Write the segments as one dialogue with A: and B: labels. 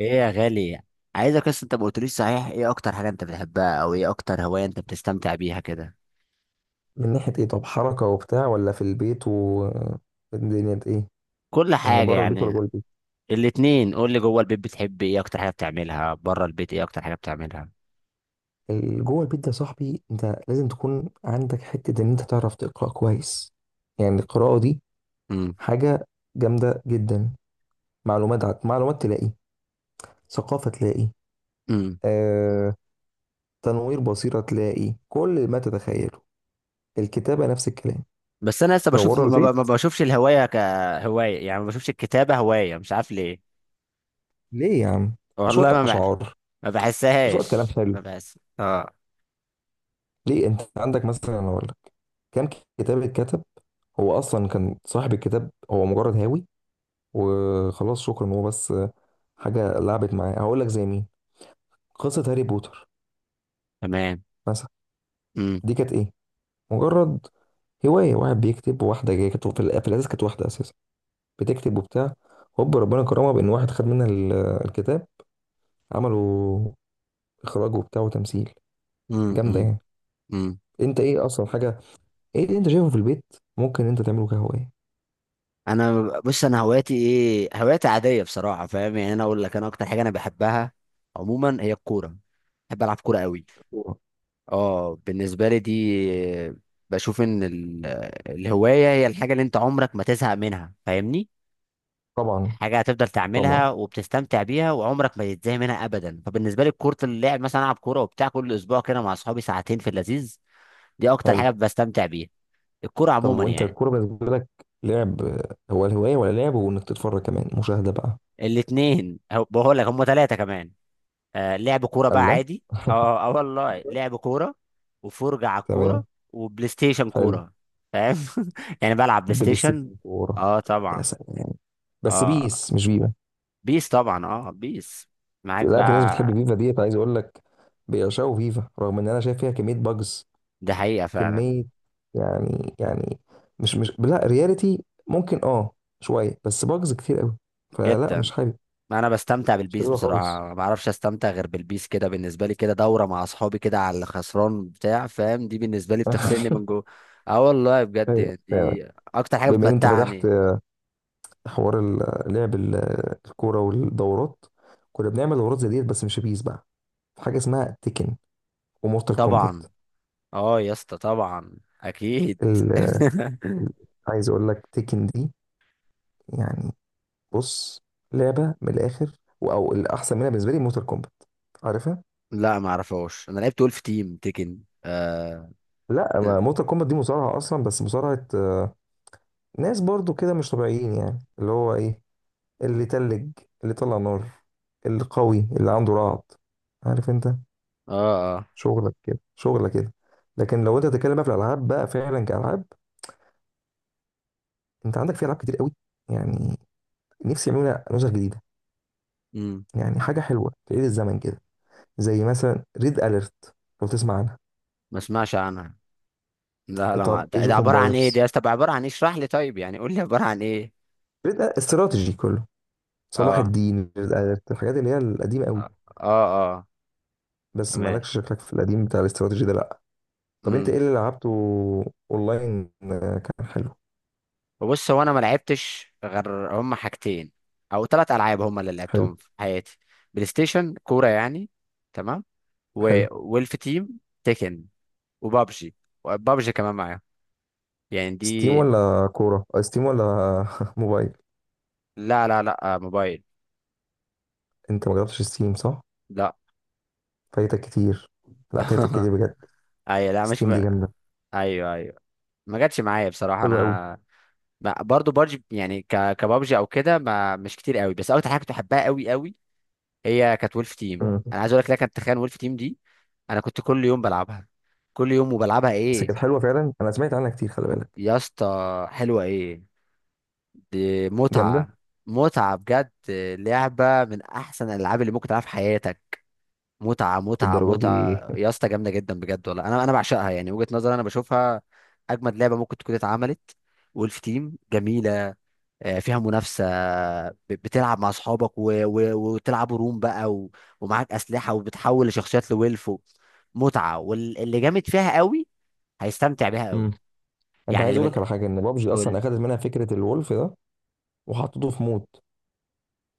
A: ايه يا غالي. عايزك بس انت ما قلتليش صحيح، ايه اكتر حاجه انت بتحبها او ايه اكتر هوايه انت بتستمتع بيها كده.
B: من ناحية ايه؟ طب حركة وبتاع، ولا في البيت و الدنيا دي ايه؟
A: كل
B: يعني
A: حاجه
B: بره البيت ولا
A: يعني.
B: جوه البيت؟
A: الاتنين، قول لي جوه البيت بتحب ايه اكتر حاجه بتعملها، بره البيت ايه اكتر حاجه بتعملها.
B: جوه البيت ده يا صاحبي، انت لازم تكون عندك حتة ان انت تعرف تقرأ كويس. يعني القراءة دي
A: امم.
B: حاجة جامدة جدا. معلومات تلاقي، ثقافة تلاقي،
A: امم.
B: آه... تنوير بصيرة تلاقي، كل ما تتخيله. الكتابة نفس الكلام.
A: بس انا لسه
B: لو
A: بشوف
B: بره البيت،
A: ما بشوفش الهوايه كهوايه، يعني ما بشوفش الكتابه هوايه مش عارف ليه.
B: ليه يا عم؟ شوية
A: والله ما
B: أشعار،
A: ما
B: شوية كلام
A: بحسهاش،
B: حلو.
A: ما بحس اه.
B: ليه؟ انت عندك مثلا، انا اقول لك كام كتاب اتكتب، هو اصلا كان صاحب الكتاب هو مجرد هاوي وخلاص، شكرا. هو بس حاجه لعبت معاه. هقول لك زي مين؟ قصه هاري بوتر
A: تمام.
B: مثلا.
A: امم.
B: دي كانت ايه؟ مجرد هوايه. واحد بيكتب وواحده جايه، كانت في الاساس كانت واحده اساسا بتكتب وبتاع، هوب ربنا كرمها بان واحد خد منها الكتاب، عملوا اخراج وبتاع وتمثيل.
A: امم.
B: جامده يعني.
A: امم.
B: انت ايه اصلا حاجه، ايه اللي انت شايفه في البيت ممكن انت تعمله كهوايه؟
A: انا، بص انا هواياتي ايه، هواياتي عاديه بصراحه، فاهم يعني. انا اقول لك انا اكتر حاجه انا بحبها عموما هي الكوره. بحب العب كوره قوي. اه بالنسبه لي دي، بشوف ان الهوايه هي الحاجه اللي انت عمرك ما تزهق منها، فاهمني.
B: طبعا.
A: حاجه هتفضل
B: طبعا.
A: تعملها وبتستمتع بيها وعمرك ما تتزهق منها ابدا. فبالنسبه لي كره اللعب، مثلا العب كوره وبتاع كل اسبوع كده مع اصحابي ساعتين في اللذيذ. دي اكتر
B: حلو.
A: حاجه بستمتع بيها، الكوره
B: طب
A: عموما
B: وانت
A: يعني.
B: الكوره بالنسبه لك لعب، هو الهوايه، ولا لعب وانك تتفرج كمان، مشاهده بقى؟
A: الاثنين بقول لك، هم ثلاثه كمان. آه، لعب كورة بقى
B: الله.
A: عادي. اه اه آه والله، لعب كورة وفرجة على الكورة
B: تمام.
A: وبلاي ستيشن
B: حلو.
A: كورة. فاهم. يعني بلعب بلاي
B: بلاي
A: ستيشن.
B: ستيشن كوره؟
A: اه
B: يا
A: طبعا.
B: سلام! بس
A: اه
B: بيس مش فيفا.
A: بيس طبعا، اه بيس. معاك
B: لا، في ناس بتحب
A: بقى.
B: فيفا ديت، عايز اقول لك. بيعشقوا فيفا رغم ان انا شايف فيها كميه باجز.
A: دي حقيقة فعلا.
B: كميه يعني يعني، مش لا رياليتي ممكن، اه شويه، بس باجز كتير قوي. فلا، مش
A: جدا.
B: حابب.
A: انا بستمتع
B: مش
A: بالبيس
B: حاببها خالص.
A: بصراحة، ما اعرفش استمتع غير بالبيس كده. بالنسبة لي كده دورة مع اصحابي كده على الخسران بتاع، فاهم؟ دي بالنسبة لي بتغسلني من جوه. اه والله بجد،
B: ايوه
A: يعني
B: فعلا.
A: دي اكتر حاجة
B: بما ان انت فتحت
A: بتمتعني.
B: حوار الكوره والدورات، كنا بنعمل دورات زي ديت بس مش بيس بقى. في حاجه اسمها تيكن ومورتال كومبات.
A: طبعا. اه يا اسطى طبعا اكيد.
B: ال... ال- عايز اقول لك تيكن دي يعني، بص، لعبه من الاخر، او الاحسن منها بالنسبه لي مورتال كومبات. عارفها؟
A: لا، ما اعرفهاش. انا لعبت ولف تيم تيكن. اه.
B: لا،
A: اه.
B: ما مورتال كومبات دي مصارعه اصلا، بس مصارعه آه، ناس برضو كده مش طبيعيين، يعني اللي هو ايه، اللي تلج، اللي طلع نار، اللي قوي، اللي عنده رعد، عارف انت،
A: اه.
B: شغلك كده شغلك كده. لكن لو انت بتتكلم بقى في الالعاب بقى فعلا كالعاب، انت عندك في العاب كتير قوي يعني. نفسي يعملوا نسخ جديده
A: امم.
B: يعني، حاجه حلوه تعيد الزمن كده، زي مثلا ريد اليرت، لو تسمع عنها.
A: ما اسمعش عنها. لا ما
B: طب
A: ده
B: ايج
A: ده
B: اوف
A: عباره عن ايه دي
B: امبايرز،
A: يا اسطى؟ طب عباره عن ايه، اشرح لي طيب، يعني قول لي عباره عن ايه.
B: ريد، استراتيجي كله، صلاح
A: اه.
B: الدين، ريد اليرت، الحاجات اللي هي القديمه قوي.
A: اه. اه, آه.
B: بس
A: تمام.
B: مالكش شكلك في القديم بتاع الاستراتيجي ده، لا. طب انت
A: امم.
B: ايه اللي لعبته؟ اونلاين آه، كان حلو.
A: بص، هو انا ما لعبتش غير هم حاجتين او ثلاث العاب هم اللي
B: حلو.
A: لعبتهم في حياتي. بلاي ستيشن كوره يعني. تمام.
B: حلو.
A: وولف تيم تيكن. وبابجي. وبابجي كمان معاهم. يعني
B: ستيم
A: دي.
B: ولا كوره، آه، ستيم ولا موبايل؟
A: لا، موبايل.
B: انت ما جربتش ستيم، صح؟
A: لا.
B: فايتك كتير، لا فايتك كتير بجد.
A: ايوه، لا مش
B: ستيم دي
A: ب...
B: جامده،
A: ايوه ايوه. ما جاتش معايا بصراحه،
B: حلوه قوي.
A: انا. ما برضو بابجي يعني كبابجي او كده، ما مش كتير قوي. بس اكتر حاجه كنت بحبها قوي قوي هي كانت وولف تيم.
B: مم.
A: انا عايز اقول لك، لا كانت تخيل، وولف تيم دي انا كنت كل يوم بلعبها. كل يوم وبلعبها
B: بس
A: ايه.
B: كانت حلوه فعلا، انا سمعت عنها كتير، خلي بالك.
A: يا اسطى حلوه ايه، دي
B: جامده
A: متعه. متعه بجد. لعبه من احسن الالعاب اللي ممكن تلعبها في حياتك. متعة متعة
B: الدرجه دي.
A: متعة يا اسطى، جامدة جدا بجد والله. انا بعشقها يعني. وجهة نظري انا بشوفها اجمد لعبة ممكن تكون اتعملت. وولف تيم جميلة، آه، فيها منافسة. بتلعب مع اصحابك وتلعبوا روم بقى ومعاك اسلحة وبتحول لشخصيات لولف متعة. واللي جامد فيها قوي هيستمتع بيها
B: مم.
A: قوي.
B: انت
A: يعني
B: عايز اقول لك على حاجه، ان بابجي اصلا
A: قول.
B: اخدت منها فكره الولف ده وحطته في مود.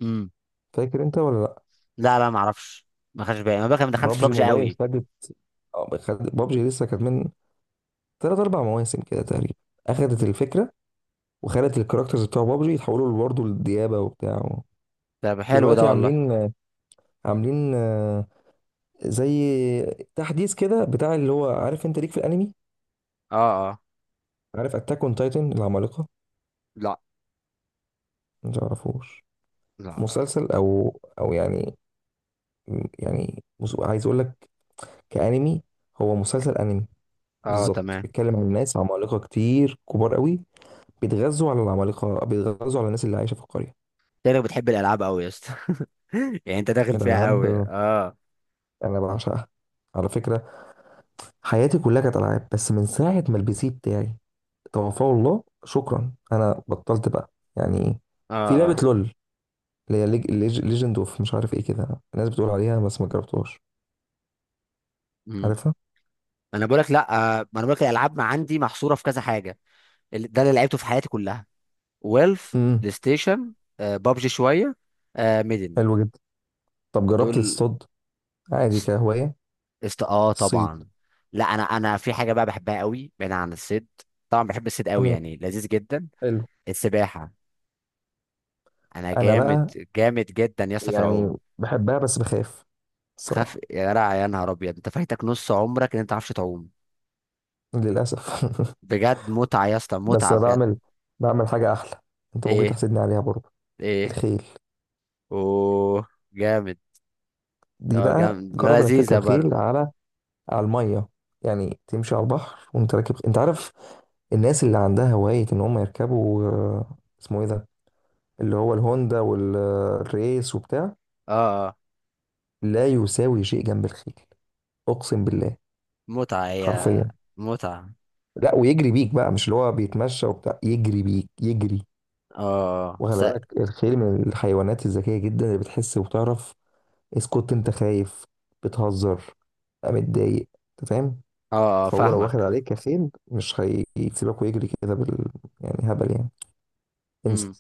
A: امم.
B: فاكر انت ولا لا؟
A: لا ما اعرفش. ما خدش بالي انا بقى، ما دخلتش
B: بابجي
A: ببجي
B: موبايل
A: قوي.
B: خدت، آه، بابجي لسه كانت من ثلاث اربع مواسم كده تقريبا، اخدت
A: مم.
B: الفكره وخلت الكاركترز بتوع بابجي يتحولوا برضه للديابه وبتاع.
A: طب حلو ده
B: دلوقتي
A: والله.
B: عاملين آه، زي تحديث كده بتاع، اللي هو عارف انت ليك في الانمي،
A: اه. اه.
B: عارف اتاك اون تايتن، العمالقه؟
A: لا
B: ما تعرفوش.
A: لا لا
B: مسلسل او يعني، يعني عايز اقول لك كانمي، هو مسلسل انمي
A: اه
B: بالظبط،
A: تمام.
B: بيتكلم عن ناس عمالقه كتير كبار قوي، بيتغذوا على العمالقه، بيتغذوا على الناس اللي عايشه في القريه.
A: شكلك بتحب الالعاب قوي يا اسطى. يعني انت داخل فيها
B: الالعاب
A: قوي، اه.
B: انا بعشقها على فكره. حياتي كلها كانت العاب، بس من ساعه ما البي سي بتاعي توفاه الله شكرا، انا بطلت بقى يعني.
A: اه.
B: في لعبه
A: اه.
B: لول، اللي هي ليجند اوف مش عارف ايه كده، الناس بتقول عليها بس ما جربتهاش.
A: امم.
B: عارفها؟
A: انا بقول لك لا. آه، ما انا بقول لك الالعاب ما عندي محصوره في كذا حاجه. ده اللي لعبته في حياتي كلها. ويلف
B: امم.
A: بلاي ستيشن. آه، بابجي شويه. آه، ميدن.
B: حلو جدا. طب جربت
A: دول.
B: تصطاد عادي
A: است...
B: كهواية
A: اه
B: الصيد؟
A: طبعا. لا انا، انا في حاجه بقى بحبها قوي بعيد عن الصيد. طبعا بحب الصيد قوي،
B: تمام.
A: يعني لذيذ جدا.
B: حلو.
A: السباحه. انا
B: انا
A: جامد.
B: بقى
A: جامد جدا يا اسطى في
B: يعني
A: العوم.
B: بحبها بس بخاف
A: تخاف؟
B: الصراحة.
A: يا جدع يا نهار ابيض، انت فايتك نص عمرك ان انت ما تعرفش تعوم.
B: للأسف.
A: بجد متعة يا اسطى،
B: بس
A: متعة
B: انا
A: بجد.
B: بعمل حاجة احلى، انت ممكن
A: ايه؟
B: تحسدني عليها برضه.
A: ايه؟
B: الخيل.
A: اوه، جامد.
B: دي
A: اه
B: بقى
A: جامد،
B: جرب انك تركب
A: لذيذة
B: خيل
A: برضه.
B: على على المية، يعني تمشي على البحر وانت راكب. انت عارف الناس اللي عندها هواية ان هم يركبوا آه، اسمه ايه ده، اللي هو الهوندا والريس وبتاع؟
A: اه. اه.
B: لا يساوي شيء جنب الخيل، اقسم بالله،
A: متعة هي.
B: حرفيا.
A: متعة.
B: لا ويجري بيك بقى، مش اللي هو بيتمشى وبتاع، يجري بيك يجري.
A: اه.
B: وخلي
A: اه.
B: بالك الخيل من الحيوانات الذكيه جدا، اللي بتحس وبتعرف. اسكت انت خايف، بتهزر، بقى متضايق، انت فاهم.
A: اه
B: فهو لو واخد
A: فاهمك.
B: عليك كخيل، مش هيسيبك ويجري كده بال، يعني هبل يعني، انسى.
A: امم.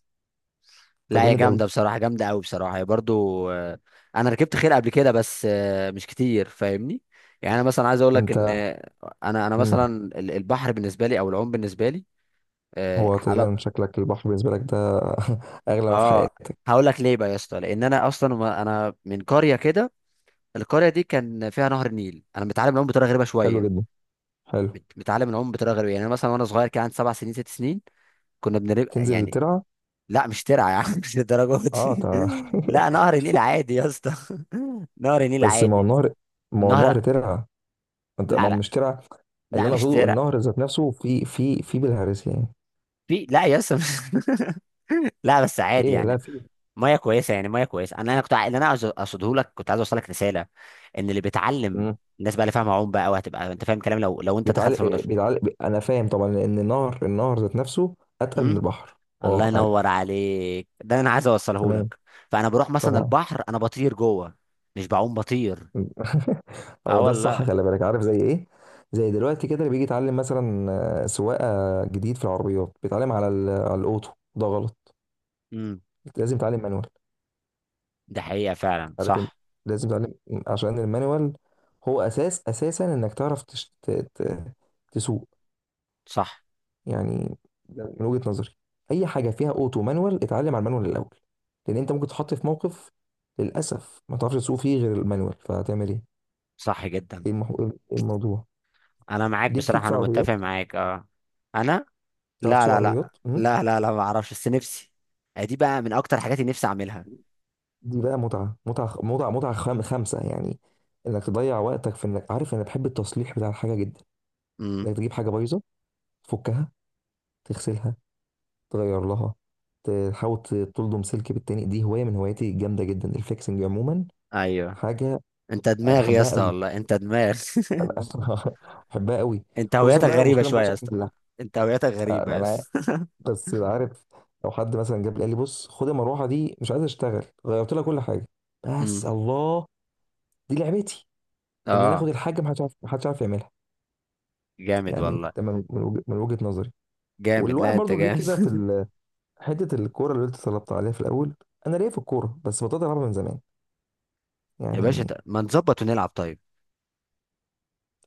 A: لا
B: انت
A: هي
B: جامد قوي.
A: جامدة بصراحة، جامدة قوي بصراحة هي برضه. آه، انا ركبت خيل قبل كده بس آه، مش كتير فاهمني. يعني انا مثلا عايز اقول لك
B: انت
A: ان آه، انا مثلا
B: مم.
A: البحر بالنسبة لي او العوم بالنسبة لي. اه
B: هو تقريبا
A: حلا-
B: شكلك البحر بالنسبه لك ده اغلى ما في
A: آه،
B: حياتك.
A: هقول لك ليه بقى يا اسطى. لان انا اصلا انا من قرية كده، القرية دي كان فيها نهر النيل. انا متعلم العوم بطريقة غريبة
B: حلو
A: شوية.
B: جدا. حلو.
A: متعلم العوم بطريقة غريبة، يعني أنا مثلا وانا صغير كان عندي 7 سنين، 6 سنين. كنا بنبقى
B: تنزل
A: يعني.
B: ترعى.
A: لا مش ترعة يا عم، مش للدرجة
B: اه
A: دي.
B: تمام.
A: لا نهر النيل عادي يا اسطى. نهر النيل
B: بس ما هو
A: عادي.
B: النهر، ما هو
A: نهر.
B: النهر ترعه. انت ما
A: لا لا
B: مش ترعه. اللي
A: لا
B: انا
A: مش
B: اقصده
A: ترعة.
B: النهر ذات نفسه في بالهارس يعني.
A: لا يا اسطى لا بس عادي
B: ايه، لا
A: يعني.
B: في.
A: ميه كويسه، يعني ميه كويسه. انا كنت اللي انا عايز اقصده لك، كنت عايز اوصل لك رساله ان اللي بيتعلم،
B: مم.
A: الناس بقى اللي فاهمه عوم بقى وهتبقى انت فاهم كلام، لو انت دخلت في الموضوع.
B: انا فاهم طبعا، ان النهر، النهر ذات نفسه اتقل من البحر.
A: الله
B: اه عارف.
A: ينور عليك، ده اللي انا عايز اوصله
B: تمام.
A: لك. فانا بروح مثلا
B: طبعا.
A: البحر انا بطير جوه، مش بعوم، بطير. اه
B: هو ده الصح،
A: والله.
B: خلي بالك، عارف زي ايه؟ زي دلوقتي كده اللي بيجي يتعلم مثلا آه، سواقه جديد في العربيات، بيتعلم على على الاوتو، ده غلط.
A: امم.
B: لازم يتعلم مانوال.
A: ده حقيقة فعلا
B: عارف إن
A: صح.
B: لازم تتعلم، عشان المانيوال هو اساس، اساسا انك تعرف تسوق
A: صح.
B: يعني. ده من وجهة نظري، اي حاجه فيها اوتو مانوال، اتعلم على المانوال الاول. لان انت ممكن تتحط في موقف للاسف ما تعرفش تسوق فيه غير المانوال، فهتعمل ايه؟
A: صح جدا.
B: ايه المح... إيه الموضوع؟
A: انا معاك
B: ليك، ليك
A: بصراحة،
B: في
A: انا متفق
B: عربيات
A: معاك اه. انا.
B: تعرف
A: لا
B: تسوق
A: لا لا
B: عربيات أمم.
A: لا ما اعرفش بس نفسي. آه، دي بقى من اكتر حاجات اللي نفسي اعملها.
B: دي بقى متعه متعه متعه متعه، خمسه يعني. انك تضيع وقتك في انك، عارف، انا بحب التصليح بتاع الحاجه جدا،
A: امم.
B: انك تجيب حاجه بايظه، تفكها، تغسلها، تغير لها، تحاول تلضم سلك بالتاني. دي هوايه من هواياتي الجامده جدا، الفليكسنج عموما.
A: ايوه.
B: حاجه
A: انت دماغ يا
B: بحبها
A: اسطى
B: قوي.
A: والله، انت دماغ.
B: انا اصلا بحبها قوي.
A: انت
B: خصوصا
A: هويتك
B: بقى لو
A: غريبة
B: مشكله
A: شوية
B: محدش
A: يا
B: عارف
A: اسطى.
B: يحلها.
A: انت هويتك
B: آه،
A: غريبة
B: ما
A: يا
B: انا عارف،
A: اسطى.
B: بس عارف، لو حد مثلا جاب لي قال لي بص خد المروحه دي مش عايز اشتغل، غيرت لها كل حاجه، بس
A: امم.
B: الله. دي لعبتي، ان انا اخد
A: اه
B: الحاجه محدش عارف، محدش عارف يعملها.
A: جامد
B: يعني
A: والله.
B: ده من وجهه نظري.
A: جامد.
B: والواحد
A: لا انت
B: برضو ليه
A: جامد.
B: كده في حته الكوره اللي انت طلبت عليها في الاول، انا ليا في الكوره بس بطلت العبها من زمان
A: يا باشا،
B: يعني.
A: ما نظبط ونلعب طيب.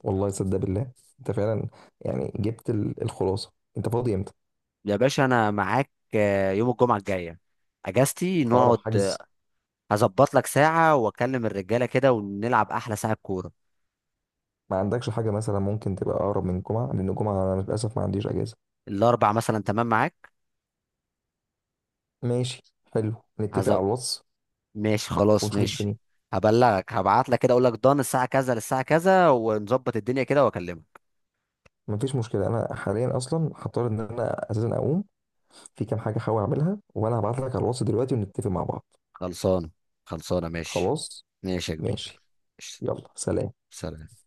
B: والله صدق بالله انت فعلا. يعني جبت الخلاصه، انت فاضي امتى؟
A: يا باشا انا معاك، آه، يوم الجمعه الجايه اجازتي،
B: اقرب
A: نقعد آه،
B: حجز.
A: هظبط لك ساعه واكلم الرجاله كده ونلعب احلى ساعه كوره.
B: ما عندكش حاجه مثلا ممكن تبقى اقرب من الجمعه؟ لان الجمعه انا للاسف ما عنديش اجازه.
A: الاربع مثلا، تمام معاك.
B: ماشي. حلو. نتفق
A: هز...
B: على الواتس
A: ماشي خلاص،
B: ونشوف
A: ماشي.
B: الدنيا.
A: هبلغك، هبعت لك كده اقول لك ضن الساعه كذا للساعه كذا، ونظبط الدنيا كده واكلمك.
B: مفيش مشكله. انا حاليا اصلا هضطر ان انا اساسا اقوم، في كام حاجه هحاول اعملها، وانا هبعت لك على الواتس دلوقتي ونتفق مع بعض.
A: خلصانه. خلصانه ماشي.
B: خلاص
A: ماشي يا كبير.
B: ماشي.
A: ماشي.
B: يلا سلام.
A: سلام.